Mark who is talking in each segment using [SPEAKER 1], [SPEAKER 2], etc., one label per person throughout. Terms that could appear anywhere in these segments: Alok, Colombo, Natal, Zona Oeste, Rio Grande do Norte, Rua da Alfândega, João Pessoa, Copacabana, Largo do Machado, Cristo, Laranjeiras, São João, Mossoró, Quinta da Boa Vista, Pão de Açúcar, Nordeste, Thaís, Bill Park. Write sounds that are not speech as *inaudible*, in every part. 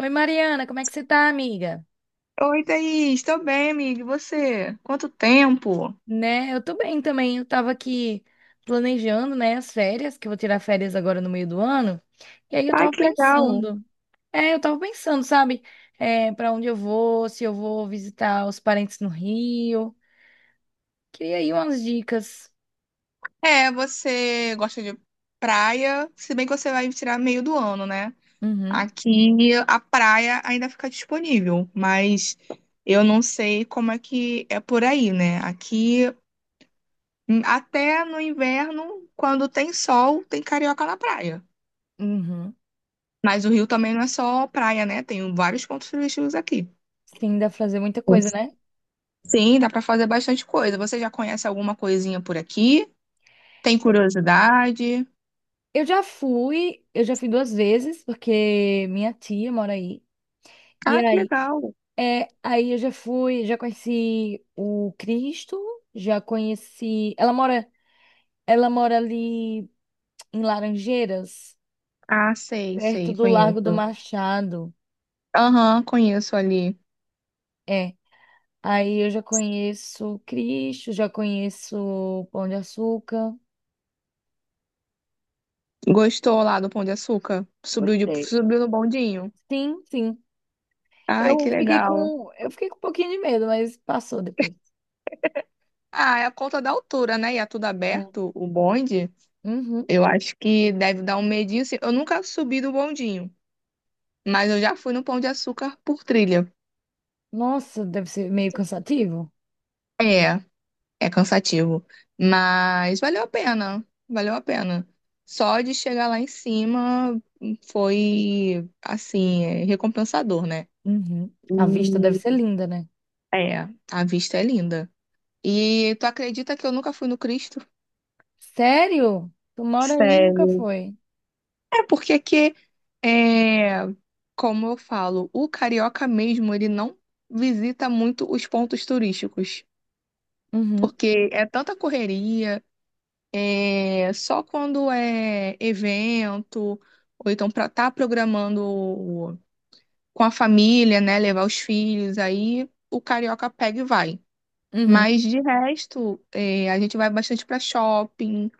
[SPEAKER 1] Oi, Mariana, como é que você tá, amiga?
[SPEAKER 2] Oi, Thaís, estou bem, amiga. E você? Quanto tempo?
[SPEAKER 1] Né, eu tô bem também. Eu tava aqui planejando, né, as férias, que eu vou tirar férias agora no meio do ano. E aí eu
[SPEAKER 2] Ai,
[SPEAKER 1] tava
[SPEAKER 2] que legal.
[SPEAKER 1] pensando, eu tava pensando, sabe, é, para onde eu vou, se eu vou visitar os parentes no Rio. Queria aí umas dicas.
[SPEAKER 2] É, você gosta de praia, se bem que você vai tirar meio do ano, né?
[SPEAKER 1] Uhum,
[SPEAKER 2] Aqui a praia ainda fica disponível, mas eu não sei como é que é por aí, né? Aqui, até no inverno, quando tem sol, tem carioca na praia.
[SPEAKER 1] uhum.
[SPEAKER 2] Mas o Rio também não é só praia, né? Tem vários pontos turísticos aqui.
[SPEAKER 1] Sim, dá pra fazer muita coisa, né?
[SPEAKER 2] Sim, dá para fazer bastante coisa. Você já conhece alguma coisinha por aqui? Tem curiosidade?
[SPEAKER 1] Eu já fui duas vezes, porque minha tia mora aí. E
[SPEAKER 2] Ah, que
[SPEAKER 1] aí
[SPEAKER 2] legal.
[SPEAKER 1] é, aí eu já fui, já conheci o Cristo, já conheci. Ela mora ali em Laranjeiras,
[SPEAKER 2] Ah, sei,
[SPEAKER 1] perto
[SPEAKER 2] sei,
[SPEAKER 1] do Largo do
[SPEAKER 2] conheço.
[SPEAKER 1] Machado.
[SPEAKER 2] Aham, conheço ali.
[SPEAKER 1] É, aí eu já conheço o Cristo, já conheço o Pão de Açúcar.
[SPEAKER 2] Gostou lá do Pão de Açúcar?
[SPEAKER 1] Gostei.
[SPEAKER 2] Subiu no bondinho?
[SPEAKER 1] Sim, sim.
[SPEAKER 2] Ai, que legal.
[SPEAKER 1] Eu fiquei com um pouquinho de medo, mas passou depois.
[SPEAKER 2] Ah, é a conta da altura, né? E é tudo
[SPEAKER 1] É.
[SPEAKER 2] aberto, o bonde.
[SPEAKER 1] Uhum.
[SPEAKER 2] Eu acho que deve dar um medinho. Assim. Eu nunca subi no bondinho, mas eu já fui no Pão de Açúcar por trilha.
[SPEAKER 1] Nossa, deve ser meio cansativo.
[SPEAKER 2] É. É cansativo, mas valeu a pena, valeu a pena. Só de chegar lá em cima foi, assim, recompensador, né?
[SPEAKER 1] Uhum. A vista deve ser
[SPEAKER 2] E
[SPEAKER 1] linda, né?
[SPEAKER 2] é, a vista é linda. E tu acredita que eu nunca fui no Cristo?
[SPEAKER 1] Sério? Tu mora aí e nunca
[SPEAKER 2] Sério.
[SPEAKER 1] foi?
[SPEAKER 2] É porque que, é, Como eu falo, o carioca mesmo, ele não visita muito os pontos turísticos,
[SPEAKER 1] Uhum,
[SPEAKER 2] porque é tanta correria. É, só quando é evento, ou então para estar programando com a família, né? Levar os filhos, aí o carioca pega e vai.
[SPEAKER 1] uhum.
[SPEAKER 2] Mas de resto, é, a gente vai bastante para shopping,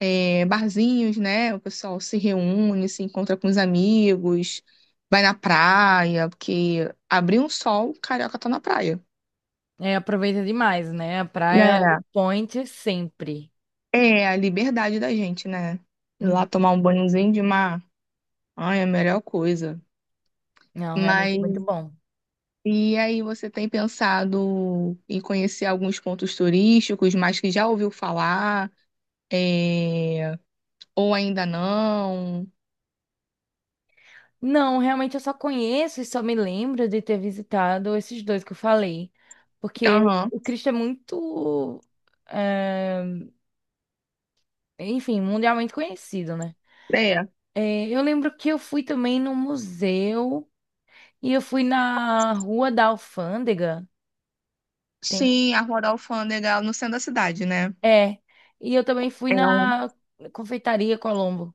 [SPEAKER 2] é, barzinhos, né? O pessoal se reúne, se encontra com os amigos, vai na praia, porque abrir um sol, o carioca tá na praia.
[SPEAKER 1] É, aproveita demais, né? A praia é o
[SPEAKER 2] É,
[SPEAKER 1] point sempre.
[SPEAKER 2] é a liberdade da gente, né? Ir lá
[SPEAKER 1] Uhum.
[SPEAKER 2] tomar um banhozinho de mar. Ai, é a melhor coisa.
[SPEAKER 1] Não, realmente é
[SPEAKER 2] Mas
[SPEAKER 1] muito bom.
[SPEAKER 2] e aí você tem pensado em conhecer alguns pontos turísticos, mas que já ouviu falar, é, ou ainda não?
[SPEAKER 1] Não, realmente eu só conheço e só me lembro de ter visitado esses dois que eu falei. Porque
[SPEAKER 2] Aham,
[SPEAKER 1] o Cristo é muito, eh, enfim, mundialmente conhecido, né?
[SPEAKER 2] é.
[SPEAKER 1] Eu lembro que eu fui também no museu e eu fui na Rua da Alfândega.
[SPEAKER 2] Sim, a Rua da Alfândega, no centro da cidade, né?
[SPEAKER 1] É. E eu também fui
[SPEAKER 2] É um...
[SPEAKER 1] na confeitaria Colombo.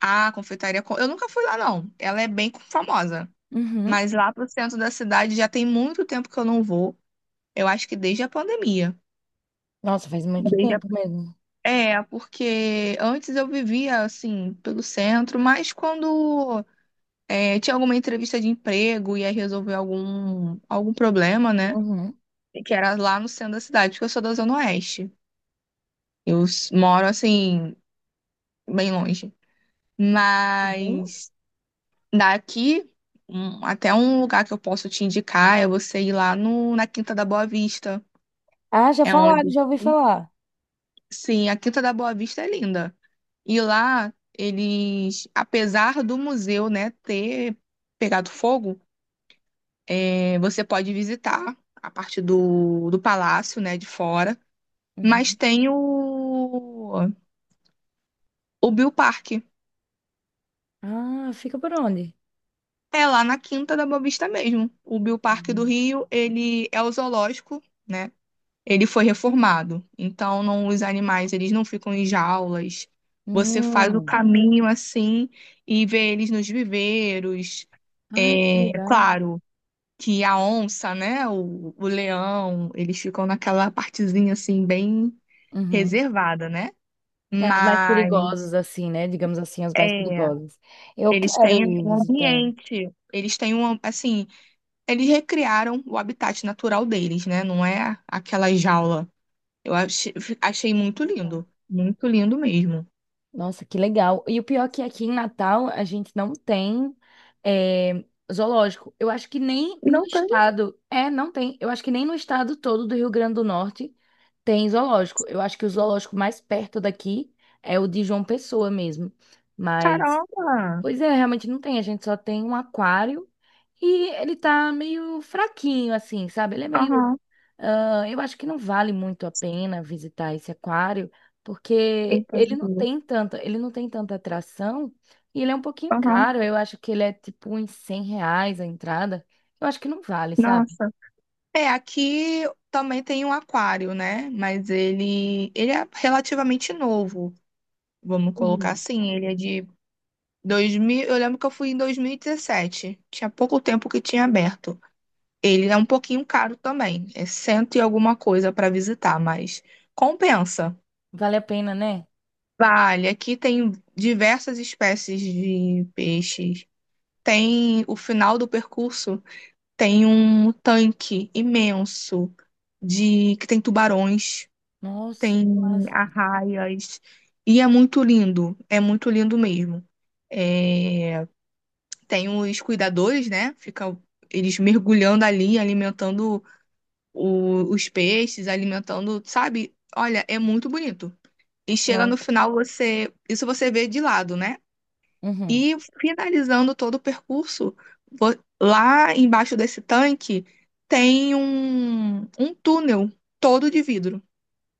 [SPEAKER 2] A confeitaria... Co- Eu nunca fui lá, não. Ela é bem famosa.
[SPEAKER 1] Uhum.
[SPEAKER 2] Mas lá pro centro da cidade já tem muito tempo que eu não vou. Eu acho que desde a pandemia.
[SPEAKER 1] Nossa, faz muito
[SPEAKER 2] Desde a-
[SPEAKER 1] tempo mesmo.
[SPEAKER 2] É, porque antes eu vivia, assim, pelo centro, mas quando é, tinha alguma entrevista de emprego, ia resolver algum problema, né?
[SPEAKER 1] Uhum.
[SPEAKER 2] Que era lá no centro da cidade, porque eu sou da Zona Oeste. Eu s- moro, assim, bem longe.
[SPEAKER 1] Uhum.
[SPEAKER 2] Mas daqui, um- até um lugar que eu posso te indicar é você ir lá no, na Quinta da Boa Vista.
[SPEAKER 1] Ah, já
[SPEAKER 2] É
[SPEAKER 1] falaram,
[SPEAKER 2] onde,
[SPEAKER 1] já ouvi falar.
[SPEAKER 2] sim, a Quinta da Boa Vista é linda. E lá, eles, apesar do museu, né, ter pegado fogo, é, você pode visitar a parte do palácio, né, de fora, mas
[SPEAKER 1] Uhum.
[SPEAKER 2] tem o Bill Park.
[SPEAKER 1] Ah, fica por onde?
[SPEAKER 2] É lá na Quinta da Boa Vista mesmo. O Bill Park do
[SPEAKER 1] Uhum.
[SPEAKER 2] Rio, ele é o zoológico, né? Ele foi reformado. Então, não, os animais, eles não ficam em jaulas. Você faz o
[SPEAKER 1] Hum.
[SPEAKER 2] caminho assim e vê eles nos viveiros.
[SPEAKER 1] Ah, que
[SPEAKER 2] É
[SPEAKER 1] legal.
[SPEAKER 2] claro que a onça, né? O leão, eles ficam naquela partezinha assim, bem
[SPEAKER 1] Uhum.
[SPEAKER 2] reservada, né?
[SPEAKER 1] É, as mais
[SPEAKER 2] Mas
[SPEAKER 1] perigosas, assim, né? Digamos assim, as mais
[SPEAKER 2] é,
[SPEAKER 1] perigosas. Eu
[SPEAKER 2] eles
[SPEAKER 1] quero
[SPEAKER 2] têm
[SPEAKER 1] ir
[SPEAKER 2] um
[SPEAKER 1] visitar.
[SPEAKER 2] ambiente, eles têm um, assim, eles recriaram o habitat natural deles, né? Não é aquela jaula. Eu achei, achei muito lindo mesmo.
[SPEAKER 1] Nossa, que legal. E o pior é que aqui em Natal a gente não tem eh, zoológico. Eu acho que nem no
[SPEAKER 2] Não sei,
[SPEAKER 1] estado. É, não tem. Eu acho que nem no estado todo do Rio Grande do Norte tem zoológico. Eu acho que o zoológico mais perto daqui é o de João Pessoa mesmo. Mas,
[SPEAKER 2] caramba.
[SPEAKER 1] pois é, realmente não tem. A gente só tem um aquário e ele tá meio fraquinho, assim, sabe? Ele é meio
[SPEAKER 2] Aham,
[SPEAKER 1] ah, eu acho que não vale muito a pena visitar esse aquário, porque
[SPEAKER 2] entendi.
[SPEAKER 1] ele não tem tanta atração e ele é um pouquinho
[SPEAKER 2] Aham,
[SPEAKER 1] caro. Eu acho que ele é tipo uns R$ 100 a entrada. Eu acho que não vale, sabe?
[SPEAKER 2] nossa. É, aqui também tem um aquário, né? Mas ele é relativamente novo, vamos colocar
[SPEAKER 1] Uhum.
[SPEAKER 2] assim. Ele é de 2000, eu lembro que eu fui em 2017. Tinha pouco tempo que tinha aberto. Ele é um pouquinho caro também. É cento e alguma coisa para visitar, mas compensa.
[SPEAKER 1] Vale a pena, né?
[SPEAKER 2] Vale, aqui tem diversas espécies de peixes. Tem o final do percurso, tem um tanque imenso de que tem tubarões,
[SPEAKER 1] Nossa,
[SPEAKER 2] tem
[SPEAKER 1] que massa.
[SPEAKER 2] arraias e é muito lindo mesmo. É, tem os cuidadores, né? Fica eles mergulhando ali, alimentando o- os peixes, alimentando, sabe? Olha, é muito bonito. E chega
[SPEAKER 1] Não.
[SPEAKER 2] no final, você, isso você vê de lado, né?
[SPEAKER 1] Uhum.
[SPEAKER 2] E finalizando todo o percurso, vo- lá embaixo desse tanque tem um, um túnel todo de vidro.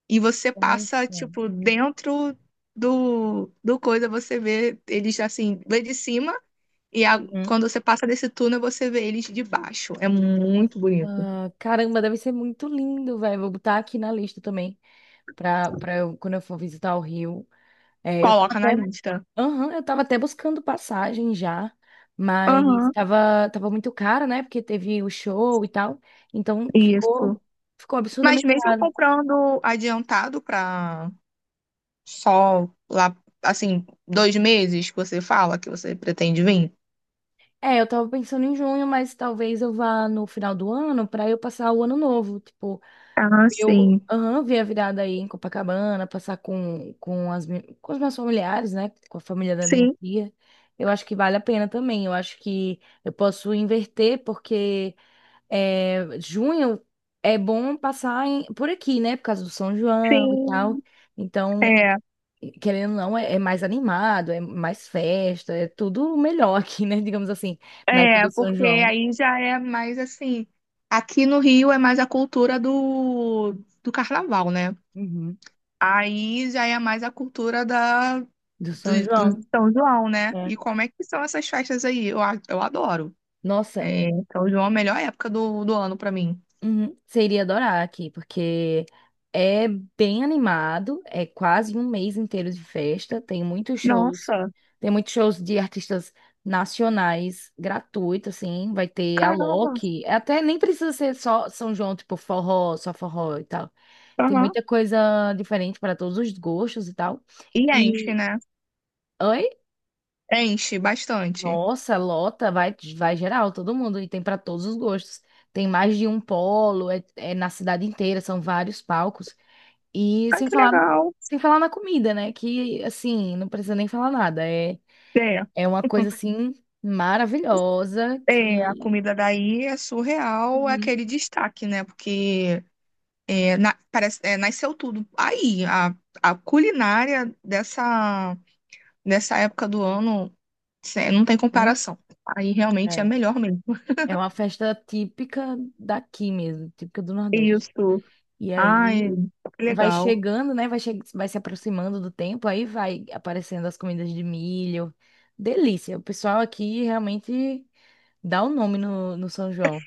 [SPEAKER 2] E você passa,
[SPEAKER 1] Nossa.
[SPEAKER 2] tipo, dentro do coisa, você vê eles assim, vê de cima. E a-
[SPEAKER 1] Uhum.
[SPEAKER 2] quando você passa desse túnel, você vê eles de baixo. É muito bonito.
[SPEAKER 1] Nossa. Caramba, deve ser muito lindo, velho. Vou botar aqui na lista também, pra eu, quando eu for visitar o Rio. É, eu tava
[SPEAKER 2] Coloca na
[SPEAKER 1] até
[SPEAKER 2] lista.
[SPEAKER 1] aham, eu tava até buscando passagem já, mas
[SPEAKER 2] Aham,
[SPEAKER 1] tava muito caro, né? Porque teve o show e tal. Então
[SPEAKER 2] isso.
[SPEAKER 1] ficou
[SPEAKER 2] Mas
[SPEAKER 1] absurdamente
[SPEAKER 2] mesmo
[SPEAKER 1] caro.
[SPEAKER 2] comprando adiantado para só lá, assim, dois meses que você fala que você pretende vir?
[SPEAKER 1] É, eu tava pensando em junho, mas talvez eu vá no final do ano pra eu passar o ano novo. Tipo,
[SPEAKER 2] Ah,
[SPEAKER 1] eu
[SPEAKER 2] sim.
[SPEAKER 1] aham, ver a virada aí em Copacabana, passar com as, mi- com os meus familiares, né? Com a família da minha
[SPEAKER 2] Sim,
[SPEAKER 1] tia. Eu acho que vale a pena também. Eu acho que eu posso inverter, porque. É, junho é bom passar em- por aqui, né? Por causa do São João e tal.
[SPEAKER 2] sim.
[SPEAKER 1] Então,
[SPEAKER 2] É,
[SPEAKER 1] querendo ou não, é mais animado, é mais festa, é tudo melhor aqui, né? *laughs* Digamos assim, na época do São
[SPEAKER 2] Porque
[SPEAKER 1] João.
[SPEAKER 2] aí já é mais assim. Aqui no Rio é mais a cultura do carnaval, né?
[SPEAKER 1] Uhum.
[SPEAKER 2] Aí já é mais a cultura
[SPEAKER 1] Do São
[SPEAKER 2] do
[SPEAKER 1] João.
[SPEAKER 2] São João, né?
[SPEAKER 1] É.
[SPEAKER 2] E como é que são essas festas aí? Eu adoro.
[SPEAKER 1] Nossa.
[SPEAKER 2] É, São João é a melhor época do ano pra mim.
[SPEAKER 1] Uhum. Você iria adorar aqui, porque é bem animado, é quase um mês inteiro de festa,
[SPEAKER 2] Nossa,
[SPEAKER 1] tem muitos shows de artistas nacionais gratuitos, assim, vai ter a
[SPEAKER 2] caramba.
[SPEAKER 1] Alok, até nem precisa ser só São João, tipo forró, só forró e tal. Tem
[SPEAKER 2] Aham.
[SPEAKER 1] muita coisa diferente para todos os gostos e tal.
[SPEAKER 2] E enche,
[SPEAKER 1] E,
[SPEAKER 2] né?
[SPEAKER 1] oi?
[SPEAKER 2] Enche bastante.
[SPEAKER 1] Nossa, lota, vai, vai geral, todo mundo, e tem para todos os gostos. Tem mais de um polo, é na cidade inteira, são vários palcos. E
[SPEAKER 2] Ai,
[SPEAKER 1] sem
[SPEAKER 2] que
[SPEAKER 1] falar,
[SPEAKER 2] legal.
[SPEAKER 1] sem falar na comida, né? Que, assim, não precisa nem falar nada. É,
[SPEAKER 2] É,
[SPEAKER 1] é uma coisa, assim, maravilhosa
[SPEAKER 2] a
[SPEAKER 1] que...
[SPEAKER 2] comida daí é surreal, é
[SPEAKER 1] Uhum,
[SPEAKER 2] aquele destaque, né? Porque é, na- parece, é, nasceu tudo. A culinária dessa. Nessa época do ano, cê- não tem
[SPEAKER 1] uhum.
[SPEAKER 2] comparação. Aí realmente é
[SPEAKER 1] É,
[SPEAKER 2] melhor mesmo.
[SPEAKER 1] é uma festa típica daqui mesmo, típica do Nordeste.
[SPEAKER 2] Isso.
[SPEAKER 1] E
[SPEAKER 2] Ai,
[SPEAKER 1] aí
[SPEAKER 2] que
[SPEAKER 1] vai
[SPEAKER 2] legal.
[SPEAKER 1] chegando, né? Vai, che vai se aproximando do tempo, aí vai aparecendo as comidas de milho. Delícia. O pessoal aqui realmente dá o nome no, no São João.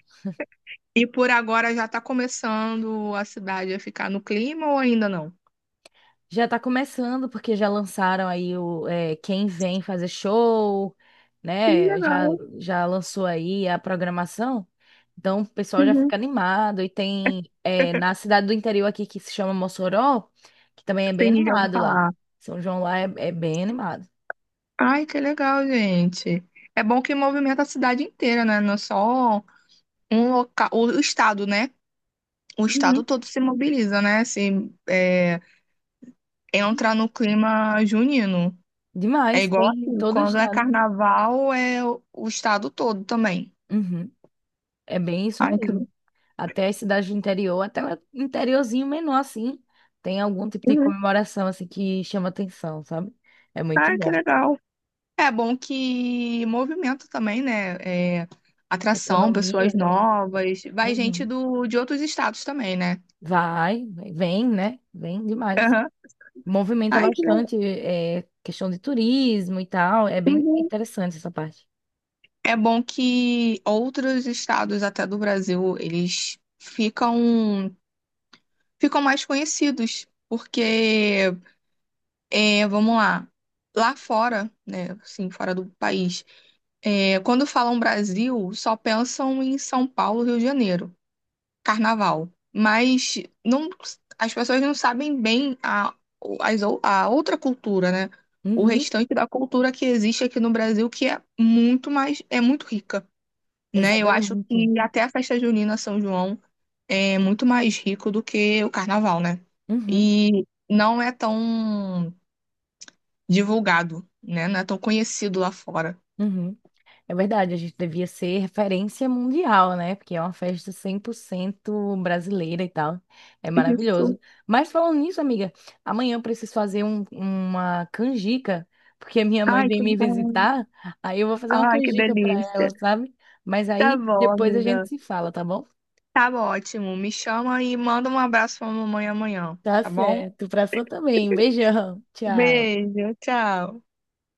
[SPEAKER 2] E por agora já está começando a cidade a ficar no clima ou ainda não?
[SPEAKER 1] Já tá começando, porque já lançaram aí o é, Quem Vem Fazer Show,
[SPEAKER 2] Que
[SPEAKER 1] né? Já,
[SPEAKER 2] legal.
[SPEAKER 1] já lançou aí a programação. Então o pessoal já
[SPEAKER 2] Uhum.
[SPEAKER 1] fica animado. E tem é, na cidade do interior aqui que se chama Mossoró, que também é bem
[SPEAKER 2] Sim, já ouvi
[SPEAKER 1] animado lá.
[SPEAKER 2] falar.
[SPEAKER 1] São João lá é é bem animado.
[SPEAKER 2] Ai, que legal, gente. É bom que movimenta a cidade inteira, né? Não é só um local, o estado, né? O estado
[SPEAKER 1] Uhum.
[SPEAKER 2] todo se mobiliza, né? Se é, entra
[SPEAKER 1] Uhum.
[SPEAKER 2] no clima junino. É
[SPEAKER 1] Demais,
[SPEAKER 2] igual
[SPEAKER 1] tem em
[SPEAKER 2] aqui,
[SPEAKER 1] todo o
[SPEAKER 2] quando é
[SPEAKER 1] estado.
[SPEAKER 2] carnaval é o estado todo também.
[SPEAKER 1] Uhum. É bem isso
[SPEAKER 2] Ai, que,
[SPEAKER 1] mesmo. Até as cidades do interior, até o interiorzinho menor, assim, tem algum tipo de
[SPEAKER 2] Uhum.
[SPEAKER 1] comemoração, assim, que chama atenção, sabe? É muito
[SPEAKER 2] Ai, que
[SPEAKER 1] bom.
[SPEAKER 2] legal. É bom que movimento também, né? É, atração, pessoas
[SPEAKER 1] Economia, né?
[SPEAKER 2] novas. Vai gente
[SPEAKER 1] Uhum.
[SPEAKER 2] do, de outros estados também, né?
[SPEAKER 1] Vai, vem, né? Vem demais.
[SPEAKER 2] Aham.
[SPEAKER 1] Movimenta
[SPEAKER 2] Ai, que legal.
[SPEAKER 1] bastante, é, questão de turismo e tal. É bem
[SPEAKER 2] Uhum.
[SPEAKER 1] interessante essa parte.
[SPEAKER 2] É bom que outros estados, até do Brasil, eles ficam, ficam mais conhecidos, porque é, vamos lá. Lá fora, né? Assim, fora do país, é, quando falam Brasil, só pensam em São Paulo, Rio de Janeiro, Carnaval. Mas não, as pessoas não sabem bem a, as ou- a outra cultura, né? O
[SPEAKER 1] Uhum.
[SPEAKER 2] restante da cultura que existe aqui no Brasil, que é muito mais, é muito rica, né? Eu acho
[SPEAKER 1] Exatamente.
[SPEAKER 2] que até a festa junina São João é muito mais rico do que o Carnaval, né?
[SPEAKER 1] Uhum.
[SPEAKER 2] E não é tão divulgado, né? Não é tão conhecido lá fora.
[SPEAKER 1] Uhum. É verdade, a gente devia ser referência mundial, né? Porque é uma festa 100% brasileira e tal. É
[SPEAKER 2] Isso.
[SPEAKER 1] maravilhoso. Mas falando nisso, amiga, amanhã eu preciso fazer um- uma canjica, porque a minha mãe
[SPEAKER 2] Ai,
[SPEAKER 1] vem
[SPEAKER 2] que
[SPEAKER 1] me
[SPEAKER 2] bom.
[SPEAKER 1] visitar. Aí eu vou fazer uma
[SPEAKER 2] Ai, que
[SPEAKER 1] canjica pra ela,
[SPEAKER 2] delícia.
[SPEAKER 1] sabe? Mas
[SPEAKER 2] Tá
[SPEAKER 1] aí
[SPEAKER 2] bom,
[SPEAKER 1] depois a
[SPEAKER 2] amiga.
[SPEAKER 1] gente se fala, tá bom?
[SPEAKER 2] Tá bom, ótimo. Me chama e manda um abraço pra mamãe amanhã,
[SPEAKER 1] Tá
[SPEAKER 2] tá bom?
[SPEAKER 1] certo. Pra sua também. Um Beijão. Tchau.
[SPEAKER 2] Beijo, tchau.